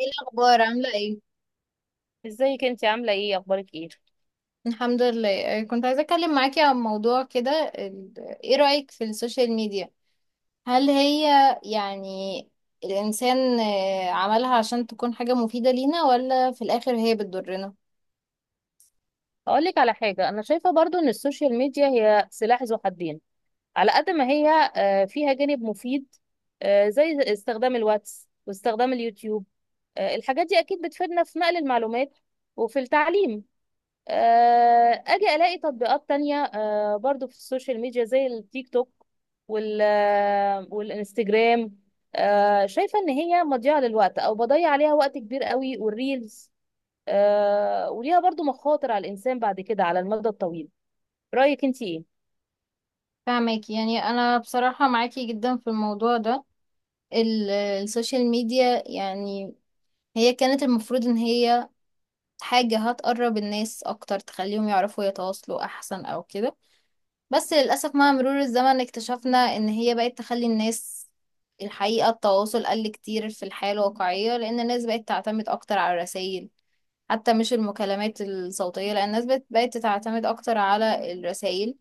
ايه الاخبار؟ عامله ايه؟ ازيك؟ انت عامله ايه؟ اخبارك ايه؟ الحمد لله. كنت عايزه اتكلم معاكي عن موضوع كده. ال- ايه رايك في السوشيال ميديا؟ هل هي يعني الانسان، عملها عشان تكون حاجه مفيده لينا ولا في الاخر هي بتضرنا؟ اقول لك على حاجه، انا شايفه برضو ان السوشيال ميديا هي سلاح ذو حدين. على قد ما هي فيها جانب مفيد، زي استخدام الواتس واستخدام اليوتيوب. الحاجات دي اكيد بتفيدنا في نقل المعلومات وفي التعليم. اجي الاقي تطبيقات تانية برضو في السوشيال ميديا زي التيك توك وال آه، والانستجرام. شايفه ان هي مضيعه للوقت او بضيع عليها وقت كبير قوي، والريلز وليها برضو مخاطر على الإنسان بعد كده على المدى الطويل. رأيك أنت إيه؟ فاهماكي. يعني انا بصراحه معاكي جدا في الموضوع ده. السوشيال ميديا يعني هي كانت المفروض ان هي حاجه هتقرب الناس اكتر، تخليهم يعرفوا يتواصلوا احسن او كده. بس للأسف مع مرور الزمن اكتشفنا إن هي بقت تخلي الناس، الحقيقة التواصل قل كتير في الحياة الواقعية، لأن الناس بقت تعتمد أكتر على الرسايل، حتى مش المكالمات الصوتية، لأن الناس بقت تعتمد أكتر على الرسايل،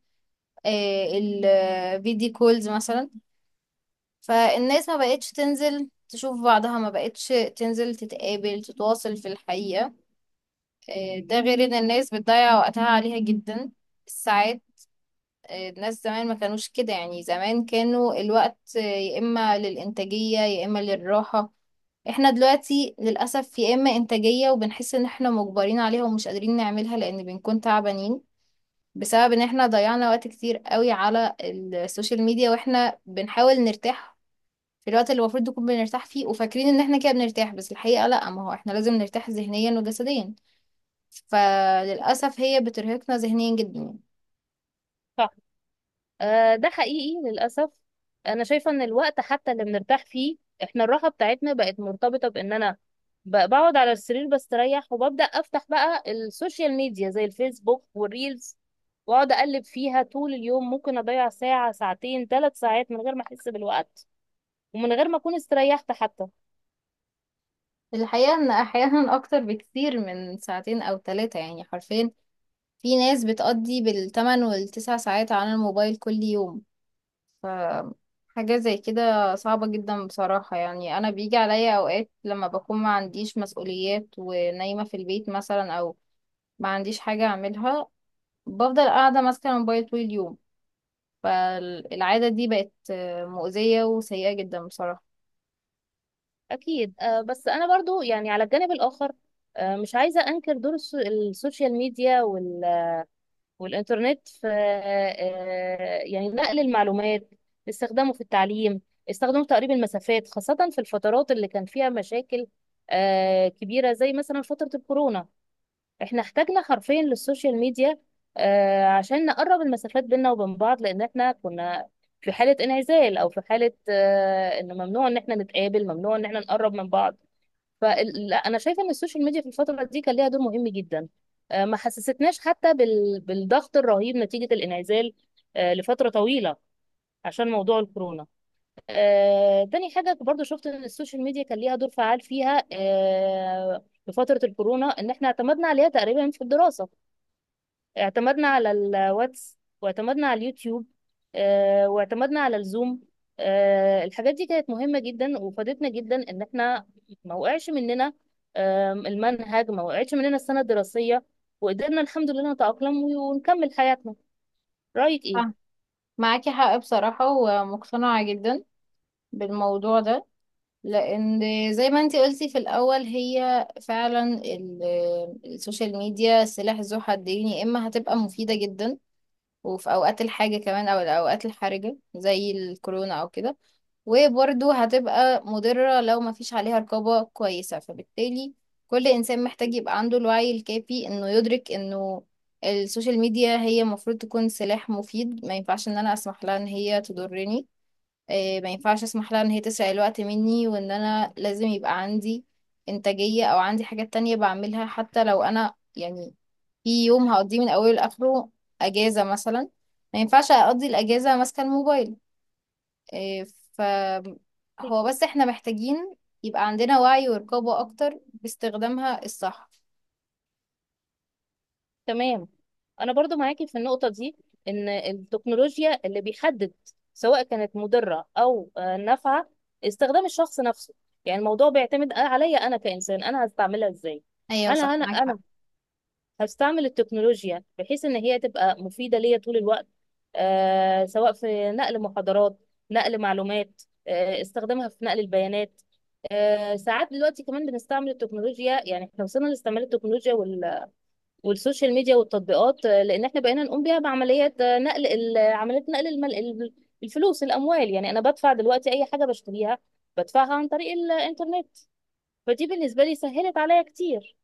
الفيديو كولز مثلا. فالناس ما بقتش تنزل تشوف بعضها، ما بقتش تنزل تتقابل تتواصل في الحقيقة. ده غير إن الناس بتضيع وقتها عليها جدا، الساعات. الناس زمان ما كانوش كده، يعني زمان كانوا الوقت يا إما للإنتاجية يا إما للراحة. احنا دلوقتي للأسف يا إما إنتاجية وبنحس إن احنا مجبرين عليها ومش قادرين نعملها لأن بنكون تعبانين بسبب إن احنا ضيعنا وقت كتير قوي على السوشيال ميديا، واحنا بنحاول نرتاح في الوقت اللي المفروض نكون بنرتاح فيه، وفاكرين إن احنا كده بنرتاح، بس الحقيقة لأ، ما هو احنا لازم نرتاح ذهنيا وجسديا. فللأسف هي بترهقنا ذهنيا جدا. صح. ده حقيقي للأسف. أنا شايفة إن الوقت حتى اللي بنرتاح فيه، إحنا الراحة بتاعتنا بقت مرتبطة بإن أنا بقعد على السرير بستريح، وببدأ أفتح بقى السوشيال ميديا زي الفيسبوك والريلز، وأقعد أقلب فيها طول اليوم. ممكن أضيع ساعة، ساعتين، 3 ساعات من غير ما أحس بالوقت، ومن غير ما أكون استريحت حتى. الحقيقة إن أحيانا أكتر بكتير من ساعتين أو ثلاثة، يعني حرفيا في ناس بتقضي بالتمن والتسع ساعات على الموبايل كل يوم. ف حاجة زي كده صعبة جدا بصراحة. يعني أنا بيجي عليا أوقات لما بكون ما عنديش مسؤوليات ونايمة في البيت مثلا، أو ما عنديش حاجة أعملها، بفضل قاعدة ماسكة الموبايل طول اليوم. فالعادة دي بقت مؤذية وسيئة جدا بصراحة. اكيد. بس انا برضو يعني على الجانب الاخر مش عايزه انكر دور السوشيال ميديا والانترنت في يعني نقل المعلومات، استخدامه في التعليم، استخدامه في تقريب المسافات، خاصه في الفترات اللي كان فيها مشاكل كبيره زي مثلا فتره الكورونا. احنا احتاجنا حرفيا للسوشيال ميديا عشان نقرب المسافات بيننا وبين بعض، لان احنا كنا في حاله انعزال، او في حاله ان ممنوع ان احنا نتقابل، ممنوع ان احنا نقرب من بعض. فانا شايفه ان السوشيال ميديا في الفتره دي كان ليها دور مهم جدا. ما حسستناش حتى بالضغط الرهيب نتيجه الانعزال لفتره طويله عشان موضوع الكورونا. تاني حاجه برضو شفت ان السوشيال ميديا كان ليها دور فعال فيها في فتره الكورونا، ان احنا اعتمدنا عليها تقريبا في الدراسه. اعتمدنا على الواتس، واعتمدنا على اليوتيوب، واعتمدنا على الزوم. الحاجات دي كانت مهمة جدا، وفادتنا جدا ان احنا ما وقعش مننا. المنهج ما وقعش مننا، السنة الدراسية. وقدرنا الحمد لله نتأقلم ونكمل حياتنا. رأيك ايه؟ آه، معاكي حق بصراحة ومقتنعة جدا بالموضوع ده، لان زي ما انتي قلتي في الاول هي فعلا السوشيال ميديا سلاح ذو حدين، يا اما هتبقى مفيده جدا، وفي اوقات الحاجه كمان او الاوقات الحرجه زي الكورونا او كده، وبرده هتبقى مضره لو ما فيش عليها رقابه كويسه. فبالتالي كل انسان محتاج يبقى عنده الوعي الكافي انه يدرك انه السوشيال ميديا هي المفروض تكون سلاح مفيد، ما ينفعش ان انا اسمح لها ان هي تضرني. إيه، ما ينفعش اسمح لها ان هي تسرق الوقت مني، وان انا لازم يبقى عندي انتاجية او عندي حاجات تانية بعملها، حتى لو انا يعني في يوم هقضيه من اوله لاخره اجازة مثلا، ما ينفعش اقضي الاجازة ماسكة الموبايل. إيه، ف هو بس احنا محتاجين يبقى عندنا وعي ورقابة اكتر باستخدامها الصح. تمام. انا برضو معاكي في النقطه دي، ان التكنولوجيا اللي بيحدد سواء كانت مضره او نافعه استخدام الشخص نفسه. يعني الموضوع بيعتمد عليا انا كانسان، انا هستعملها ازاي. ايوه هل صح، انا معاك حق. انا هستعمل التكنولوجيا بحيث ان هي تبقى مفيده ليا طول الوقت، سواء في نقل محاضرات، نقل معلومات، استخدامها في نقل البيانات. ساعات دلوقتي كمان بنستعمل التكنولوجيا. يعني احنا وصلنا لاستعمال التكنولوجيا والسوشيال ميديا والتطبيقات لان احنا بقينا نقوم بيها بعمليات نقل عمليات نقل الفلوس، الاموال. يعني انا بدفع دلوقتي اي حاجه بشتريها، بدفعها عن طريق الانترنت. فدي بالنسبه لي سهلت عليا كتير.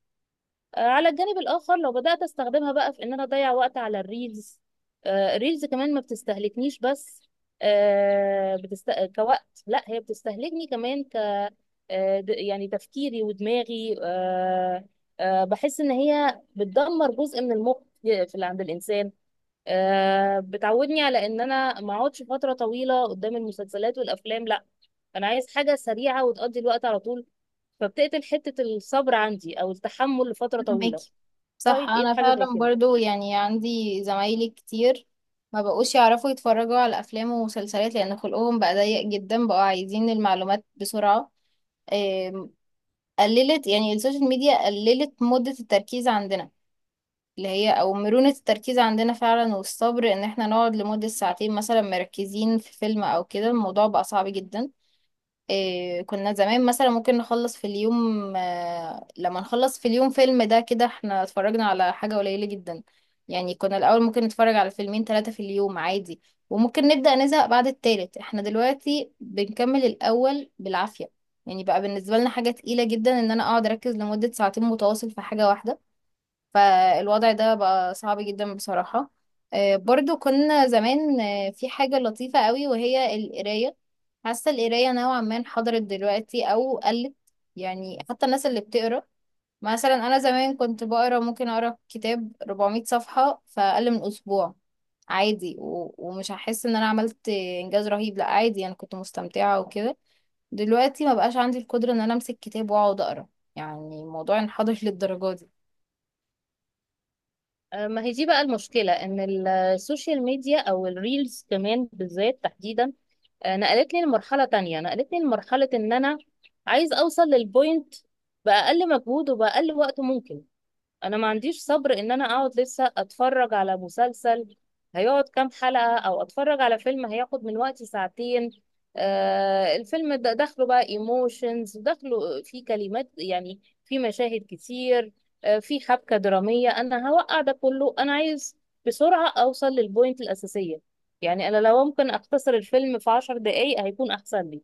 على الجانب الاخر لو بدات استخدمها بقى في ان انا اضيع وقت على الريلز. الريلز كمان ما بتستهلكنيش بس كوقت، لا، هي بتستهلكني كمان يعني تفكيري ودماغي. بحس ان هي بتدمر جزء من المخ في عند الانسان. بتعودني على ان انا ما اقعدش فتره طويله قدام المسلسلات والافلام. لا، انا عايز حاجه سريعه وتقضي الوقت على طول، فبتقتل حته الصبر عندي او التحمل لفتره طويله. فهماكي، صح. رايك ايه في انا حاجه زي فعلا كده؟ برضو يعني عندي زمايلي كتير ما بقوش يعرفوا يتفرجوا على افلام ومسلسلات، لان خلقهم بقى ضيق جدا، بقوا عايزين المعلومات بسرعة. آم، قللت، يعني السوشيال ميديا قللت مدة التركيز عندنا، اللي هي او مرونة التركيز عندنا فعلا، والصبر ان احنا نقعد لمدة ساعتين مثلا مركزين في فيلم او كده، الموضوع بقى صعب جدا. إيه، كنا زمان مثلا ممكن نخلص في اليوم، لما نخلص في اليوم فيلم ده كده احنا اتفرجنا على حاجة قليلة جدا. يعني كنا الأول ممكن نتفرج على فيلمين ثلاثة في اليوم عادي، وممكن نبدأ نزهق بعد التالت. احنا دلوقتي بنكمل الأول بالعافية، يعني بقى بالنسبة لنا حاجة تقيلة جدا ان انا اقعد اركز لمدة ساعتين متواصل في حاجة واحدة. فالوضع ده بقى صعب جدا بصراحة. برضو كنا زمان، في حاجة لطيفة قوي وهي القراية. حاسة القراية نوعا ما انحدرت دلوقتي أو قلت. يعني حتى الناس اللي بتقرا، مثلا أنا زمان كنت بقرا، ممكن أقرا كتاب 400 صفحة في أقل من أسبوع عادي، ومش هحس إن أنا عملت إنجاز رهيب، لأ عادي أنا كنت مستمتعة وكده. دلوقتي ما بقاش عندي القدرة إن أنا أمسك كتاب وأقعد أقرا. يعني الموضوع انحدر للدرجة دي. ما هي دي بقى المشكله، ان السوشيال ميديا او الريلز كمان بالذات تحديدا نقلتني لمرحلة تانية. نقلتني لمرحلة ان انا عايز اوصل للبوينت بأقل مجهود وبأقل وقت ممكن. انا ما عنديش صبر ان انا اقعد لسه اتفرج على مسلسل هيقعد كام حلقة، او اتفرج على فيلم هياخد من وقتي ساعتين. الفيلم ده داخله بقى ايموشنز، داخله فيه كلمات، يعني فيه مشاهد كتير، فيه حبكة درامية. انا هوقع ده كله؟ انا عايز بسرعة اوصل للبوينت الاساسية. يعني انا لو ممكن اختصر الفيلم في 10 دقايق هيكون احسن لي.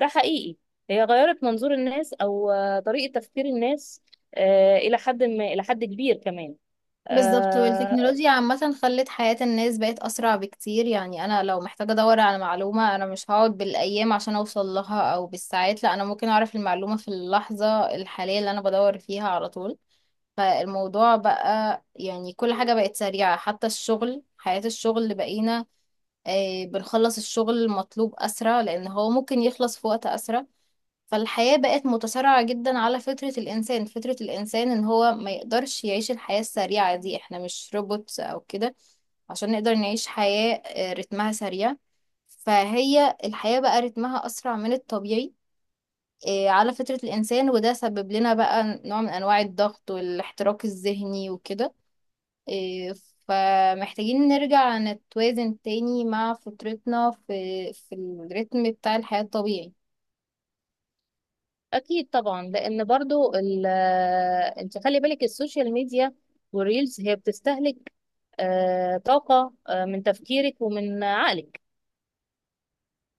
ده حقيقي. هي غيرت منظور الناس او طريقة تفكير الناس الى حد ما، الى حد كبير كمان. بالظبط، آه، والتكنولوجيا عامة خلت حياة الناس بقت أسرع بكتير. يعني أنا لو محتاجة أدور على معلومة، أنا مش هقعد بالأيام عشان أوصل لها أو بالساعات، لا أنا ممكن أعرف المعلومة في اللحظة الحالية اللي أنا بدور فيها على طول. فالموضوع بقى يعني كل حاجة بقت سريعة، حتى الشغل، حياة الشغل بقينا بنخلص الشغل المطلوب أسرع لأن هو ممكن يخلص في وقت أسرع. فالحياة بقت متسارعة جدا على فطرة الإنسان، فطرة الإنسان إن هو ما يقدرش يعيش الحياة السريعة دي. إحنا مش روبوتس أو كده عشان نقدر نعيش حياة رتمها سريع. فهي الحياة بقى رتمها أسرع من الطبيعي، على فطرة الإنسان. وده سبب لنا بقى نوع من أنواع الضغط والاحتراق الذهني وكده. آه، فمحتاجين نرجع نتوازن تاني مع فطرتنا في الريتم بتاع الحياة الطبيعي. اكيد طبعا، لان برضو انت خلي بالك، السوشيال ميديا والريلز هي بتستهلك طاقة من تفكيرك ومن عقلك،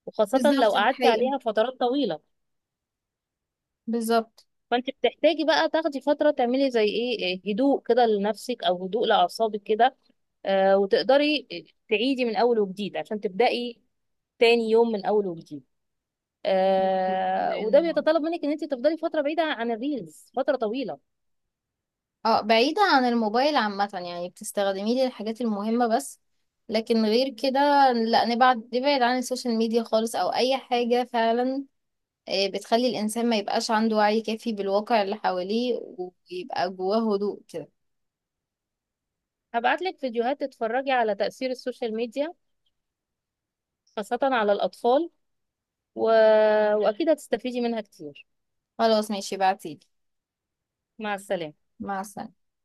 وخاصة لو بالظبط، دي قعدتي حقيقة. عليها فترات طويلة. بالظبط. فانت بتحتاجي بقى تاخدي فترة تعملي زي ايه هدوء كده لنفسك او هدوء لأعصابك كده، وتقدري تعيدي من اول وجديد عشان تبدأي تاني يوم من اول وجديد. وده لانه بيتطلب منك ان انت تفضلي فتره بعيده عن الريلز، فتره طويله. اه بعيدة عن الموبايل عامة، يعني بتستخدميه للحاجات المهمة بس، لكن غير كده لا، نبعد نبعد عن السوشيال ميديا خالص أو أي حاجة فعلا بتخلي الإنسان ما يبقاش عنده وعي كافي بالواقع اللي حواليه، ويبقى جواه هدوء كده. هبعت لك فيديوهات تتفرجي على تاثير السوشيال ميديا خاصه على الاطفال و... واكيد هتستفيدي منها كتير. خلاص ماشي، بعتيلي. مع السلامه. مع السلامة.